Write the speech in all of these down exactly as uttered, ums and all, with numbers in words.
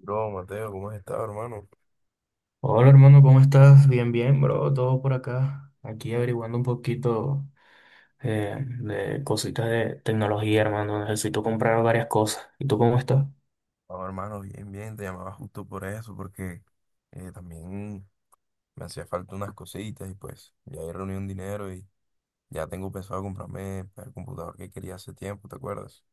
Bro, Mateo, ¿cómo has estado, hermano? Hola hermano, ¿cómo estás? Bien, bien, bro, todo por acá. Aquí averiguando un poquito eh, de cositas de tecnología, hermano. Necesito comprar varias cosas. ¿Y tú cómo estás? No, hermano, bien, bien, te llamaba justo por eso, porque eh, también me hacía falta unas cositas y pues ya he reunido un dinero y ya tengo pensado comprarme el computador que quería hace tiempo, ¿te acuerdas?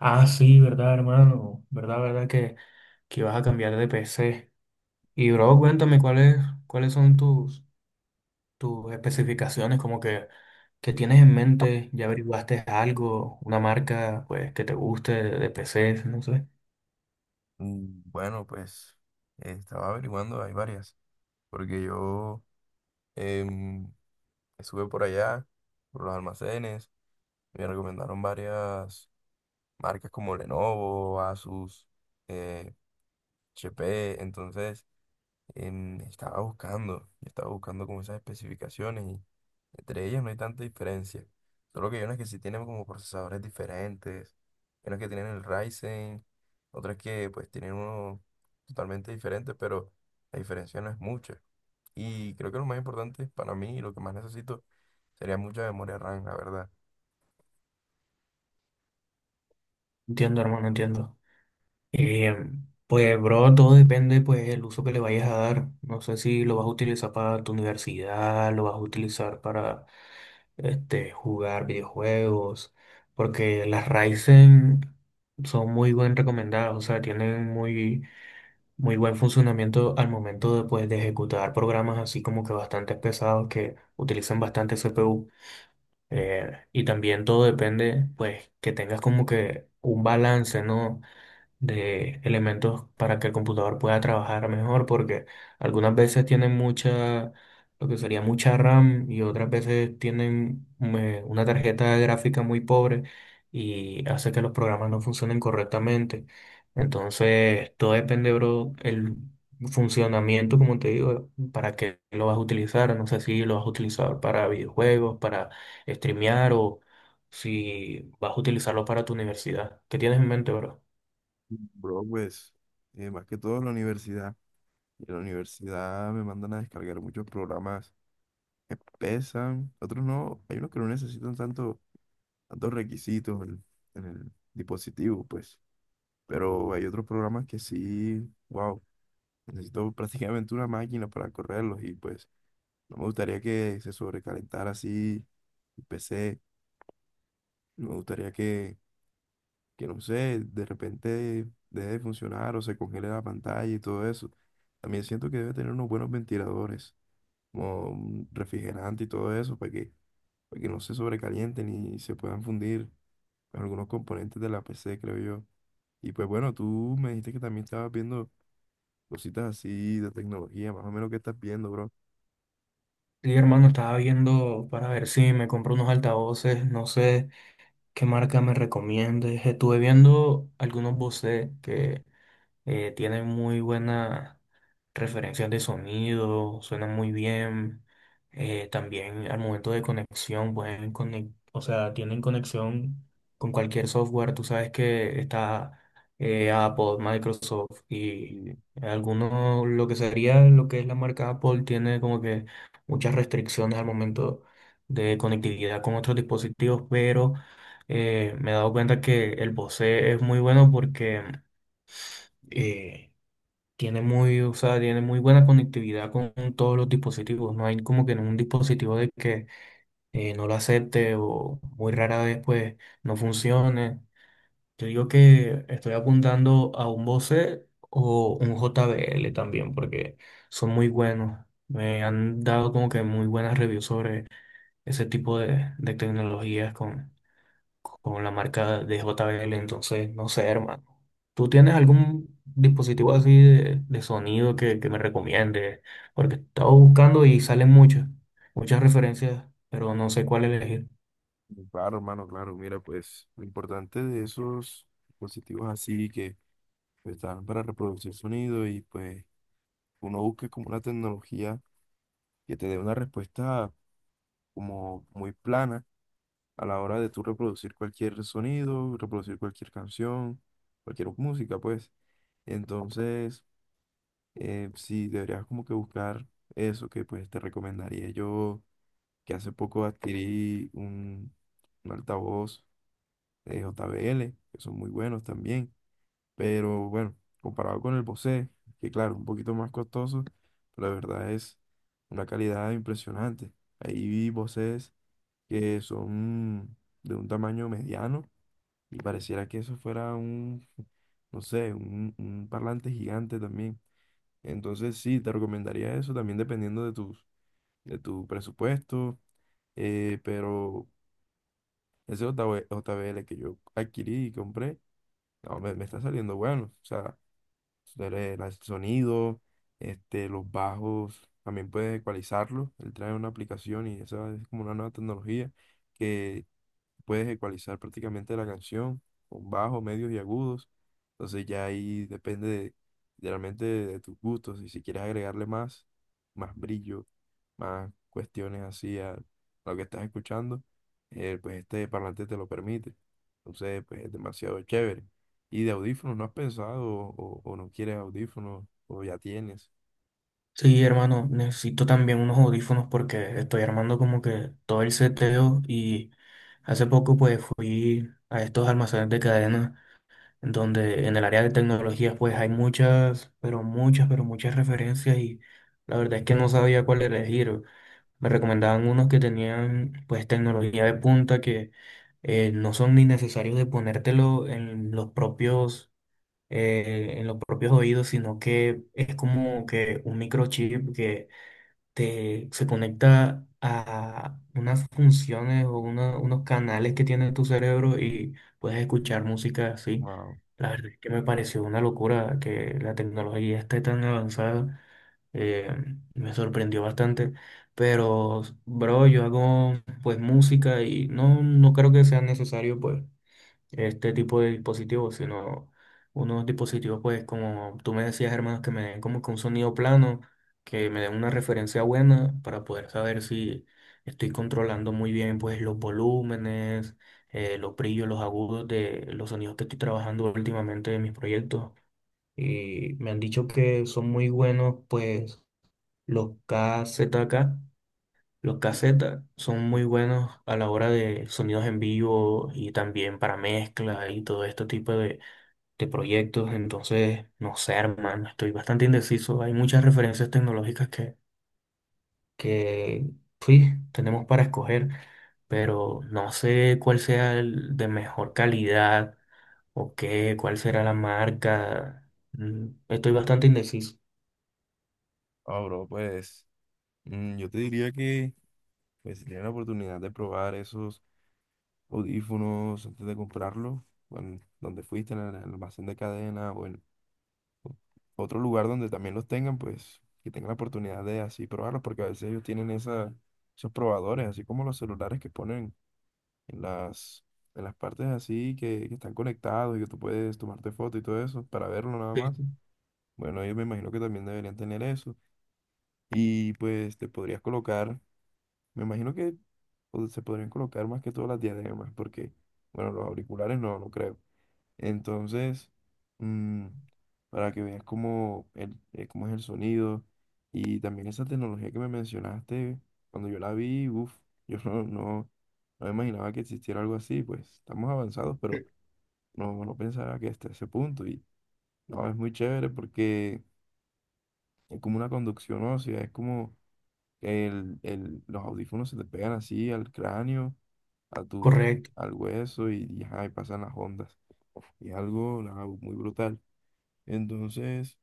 Ah, sí, verdad, hermano. Verdad, verdad que, que vas a cambiar de P C. Y bro, cuéntame cuáles, cuáles son tus, tus especificaciones, como que, que tienes en mente, ya averiguaste algo, una marca pues que te guste de, de P C, no sé. Mm, bueno, pues eh, estaba averiguando, hay varias, porque yo em, estuve por allá, por los almacenes, me recomendaron varias marcas como Lenovo, Asus, eh, H P, entonces... em, estaba buscando, yo estaba buscando como esas especificaciones, y entre ellas no hay tanta diferencia. Solo que hay unas que sí tienen como procesadores diferentes, hay unas que tienen el Ryzen, otras que pues tienen uno totalmente diferente, pero la diferencia no es mucha. Y creo que lo más importante para mí y lo que más necesito sería mucha memoria RAM, la verdad. Entiendo, hermano, entiendo. Eh, pues, bro, todo depende, pues, el uso que le vayas a dar. No sé si lo vas a utilizar para tu universidad, lo vas a utilizar para, este, jugar videojuegos, porque las Ryzen son muy bien recomendadas, o sea, tienen muy, muy buen funcionamiento al momento de, pues, de ejecutar programas así como que bastante pesados que utilizan bastante C P U. Eh, y también todo depende, pues, que tengas como que un balance, ¿no?, de elementos para que el computador pueda trabajar mejor, porque algunas veces tienen mucha, lo que sería mucha RAM y otras veces tienen eh, una tarjeta gráfica muy pobre y hace que los programas no funcionen correctamente. Entonces, todo depende, bro, el funcionamiento, como te digo, para qué lo vas a utilizar. No sé si lo vas a utilizar para videojuegos, para streamear o si vas a utilizarlo para tu universidad. ¿Qué tienes en mente, bro? Bro, pues, eh, más que todo en la universidad. Y en la universidad me mandan a descargar muchos programas que pesan, otros no, hay unos que no necesitan tanto, tantos requisitos en, en el dispositivo, pues, pero hay otros programas que sí, wow, necesito prácticamente una máquina para correrlos, y pues no me gustaría que se sobrecalentara así el P C, no me gustaría que, que no sé, de repente deje de funcionar o se congele la pantalla y todo eso. También siento que debe tener unos buenos ventiladores, como un refrigerante y todo eso, para que para que no se sobrecalienten y se puedan fundir con algunos componentes de la P C, creo yo. Y pues bueno, tú me dijiste que también estabas viendo cositas así de tecnología, más o menos qué estás viendo, bro. Sí, hermano, estaba viendo para ver si me compro unos altavoces, no sé qué marca me recomiendes. Estuve viendo algunos Bose que eh, tiene muy buena referencias de sonido, suena muy bien. Eh, también al momento de conexión, pueden conec- o sea, tienen conexión con cualquier software. Tú sabes que está eh, Apple, Microsoft y Y algunos, lo que sería lo que es la marca Apple, tiene como que muchas restricciones al momento de conectividad con otros dispositivos, pero eh, me he dado cuenta que el Bose es muy bueno porque eh, tiene muy, o sea, tiene muy buena conectividad con todos los dispositivos. No hay como que un dispositivo de que eh, no lo acepte o muy rara vez pues no funcione. Yo digo que estoy apuntando a un Bose o un J B L también porque son muy buenos. Me han dado como que muy buenas reviews sobre ese tipo de, de tecnologías con, con la marca de J B L, entonces no sé, hermano. ¿Tú tienes algún dispositivo así de, de sonido que, que me recomiendes? Porque estaba buscando y salen muchas, muchas referencias, pero no sé cuál elegir. y claro, hermano, claro, mira, pues lo importante de esos dispositivos así que, pues, están para reproducir sonido, y pues uno busca como una tecnología que te dé una respuesta como muy plana a la hora de tú reproducir cualquier sonido, reproducir cualquier canción, cualquier música, pues. Entonces, eh, sí, deberías como que buscar eso. Que pues te recomendaría yo, que hace poco adquirí un, un altavoz de J B L, que son muy buenos también, pero bueno, comparado con el Bose, que claro, un poquito más costoso, pero la verdad es una calidad impresionante. Ahí vi Boses que son de un tamaño mediano y pareciera que eso fuera un, no sé, un, un parlante gigante también. Entonces sí, te recomendaría eso también dependiendo de tus, de tu presupuesto. Eh, pero ese JB J B L que yo adquirí y compré, no, me, me está saliendo bueno. O sea, el el sonido, este, los bajos, también puedes ecualizarlos. Él trae una aplicación, y esa es como una nueva tecnología que puedes ecualizar prácticamente la canción con bajos, medios y agudos. Entonces ya ahí depende de, realmente de, realmente de tus gustos. Y si quieres agregarle más, más brillo, más cuestiones así a lo que estás escuchando, eh, pues este parlante te lo permite. Entonces, pues es demasiado chévere. ¿Y de audífonos no has pensado, o, o no quieres audífonos o ya tienes? Sí, hermano, necesito también unos audífonos porque estoy armando como que todo el seteo y hace poco pues fui a estos almacenes de cadena donde en el área de tecnologías pues hay muchas, pero muchas, pero muchas referencias y la verdad es que no sabía cuál elegir. Me recomendaban unos que tenían pues tecnología de punta que eh, no son ni necesarios de ponértelo en los propios, eh, en los propios oídos, sino que es como que un microchip te, se conecta a unas funciones o una- unos canales que tiene tu cerebro y puedes escuchar música así. Wow. La verdad es que me pareció una locura que la tecnología esté tan avanzada. eh, Me sorprendió bastante. Pero, bro, yo hago pues música y no, no creo que sea necesario pues este tipo de dispositivos, sino unos dispositivos, pues, como tú me decías, hermanos, que me den como que un sonido plano, que me den una referencia buena para poder saber si estoy controlando muy bien, pues, los volúmenes, eh, los brillos, los agudos de los sonidos que estoy trabajando últimamente en mis proyectos. Y me han dicho que son muy buenos, pues, los K Z K. Los cassettes son muy buenos a la hora de sonidos en vivo y también para mezcla y todo este tipo de, de proyectos. Entonces, no sé, hermano, estoy bastante indeciso. Hay muchas referencias tecnológicas que, que sí, tenemos para escoger, pero no sé cuál sea el de mejor calidad o qué, cuál será la marca. Mm. Estoy bastante indeciso. Ah, bro, pues, mm, yo te diría que, pues, si tienes la oportunidad de probar esos audífonos antes de comprarlos, bueno, donde fuiste, en el en el almacén de cadena, bueno, otro lugar donde también los tengan, pues que tengan la oportunidad de así probarlos, porque a veces ellos tienen esa, esos probadores, así como los celulares que ponen en las, en las partes así, que, que están conectados y que tú puedes tomarte foto y todo eso para verlo nada más. Sí, Bueno, ellos, me imagino, que también deberían tener eso. Y pues te podrías colocar, me imagino que, pues, se podrían colocar más que todas las diademas, porque, bueno, los auriculares no, no creo. Entonces, mm, para que veas cómo, el, eh, cómo es el sonido, y también esa tecnología que me mencionaste, cuando yo la vi, uff, yo no, no, no imaginaba que existiera algo así, pues estamos avanzados, pero no, no pensaba que hasta ese punto. Y no, es muy chévere porque es como una conducción ósea, es como el, el, los audífonos se te pegan así al cráneo, a tu, correcto. al hueso y, y ajá, y pasan las ondas. Y algo nada, muy brutal. Entonces,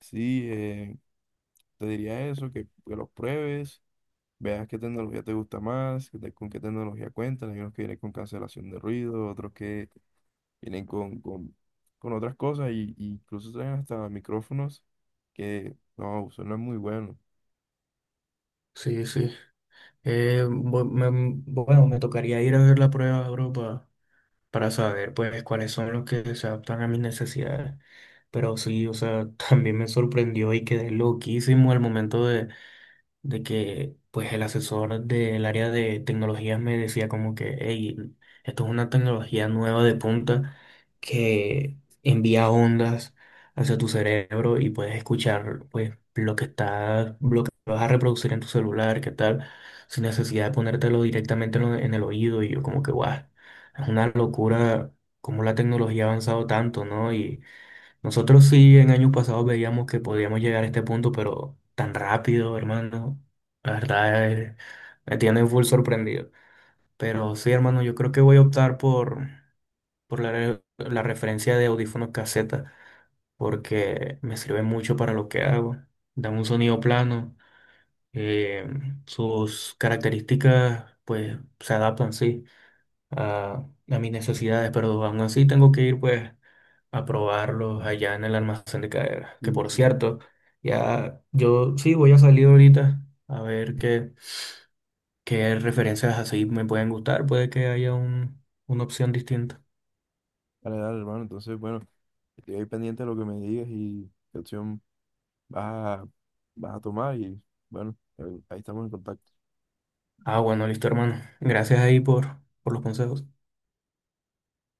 sí, eh, te diría eso, que, que los pruebes, veas qué tecnología te gusta más, que te- con qué tecnología cuentan. Hay unos que vienen con cancelación de ruido, otros que vienen con, con, con otras cosas, y, y incluso traen hasta micrófonos que no, suenan muy buenos. Sí, sí. Eh, bu- me- bueno, me tocaría ir a ver la prueba, bro, pa- para saber, pues, cuáles son los que se adaptan a mis necesidades. Pero sí, o sea, también me sorprendió y quedé loquísimo al momento de que pues el asesor del área de tecnologías me decía como que, hey, esto es una tecnología nueva de punta que envía ondas hacia tu cerebro y puedes escuchar pues lo que está, lo que vas a reproducir en tu celular, qué tal, sin necesidad de ponértelo directamente en lo- en el oído y yo como que, guau, es una locura cómo la tecnología ha avanzado tanto, ¿no? Nosotros sí en años pasados veíamos que podíamos llegar a este punto, pero tan rápido, hermano. La verdad eh, me tiene full sorprendido. Pero sí, hermano, yo creo que voy a optar por, por la, re- la referencia de audífonos caseta, porque me sirve mucho para lo que hago. Dan un sonido plano, eh, sus características pues se adaptan, sí a, a mis necesidades, pero aún así tengo que ir pues a probarlos allá en el almacén de carga. Que Sí, por sí. cierto, ya yo sí voy a salir ahorita a ver qué, qué referencias así me pueden gustar. Puede que haya un, una opción distinta. Dale, dale, hermano. Entonces, bueno, estoy ahí pendiente de lo que me digas y qué opción vas a, vas a tomar. Y bueno, ahí ahí estamos en contacto. Ah, bueno, listo, hermano. Gracias ahí por, por los consejos.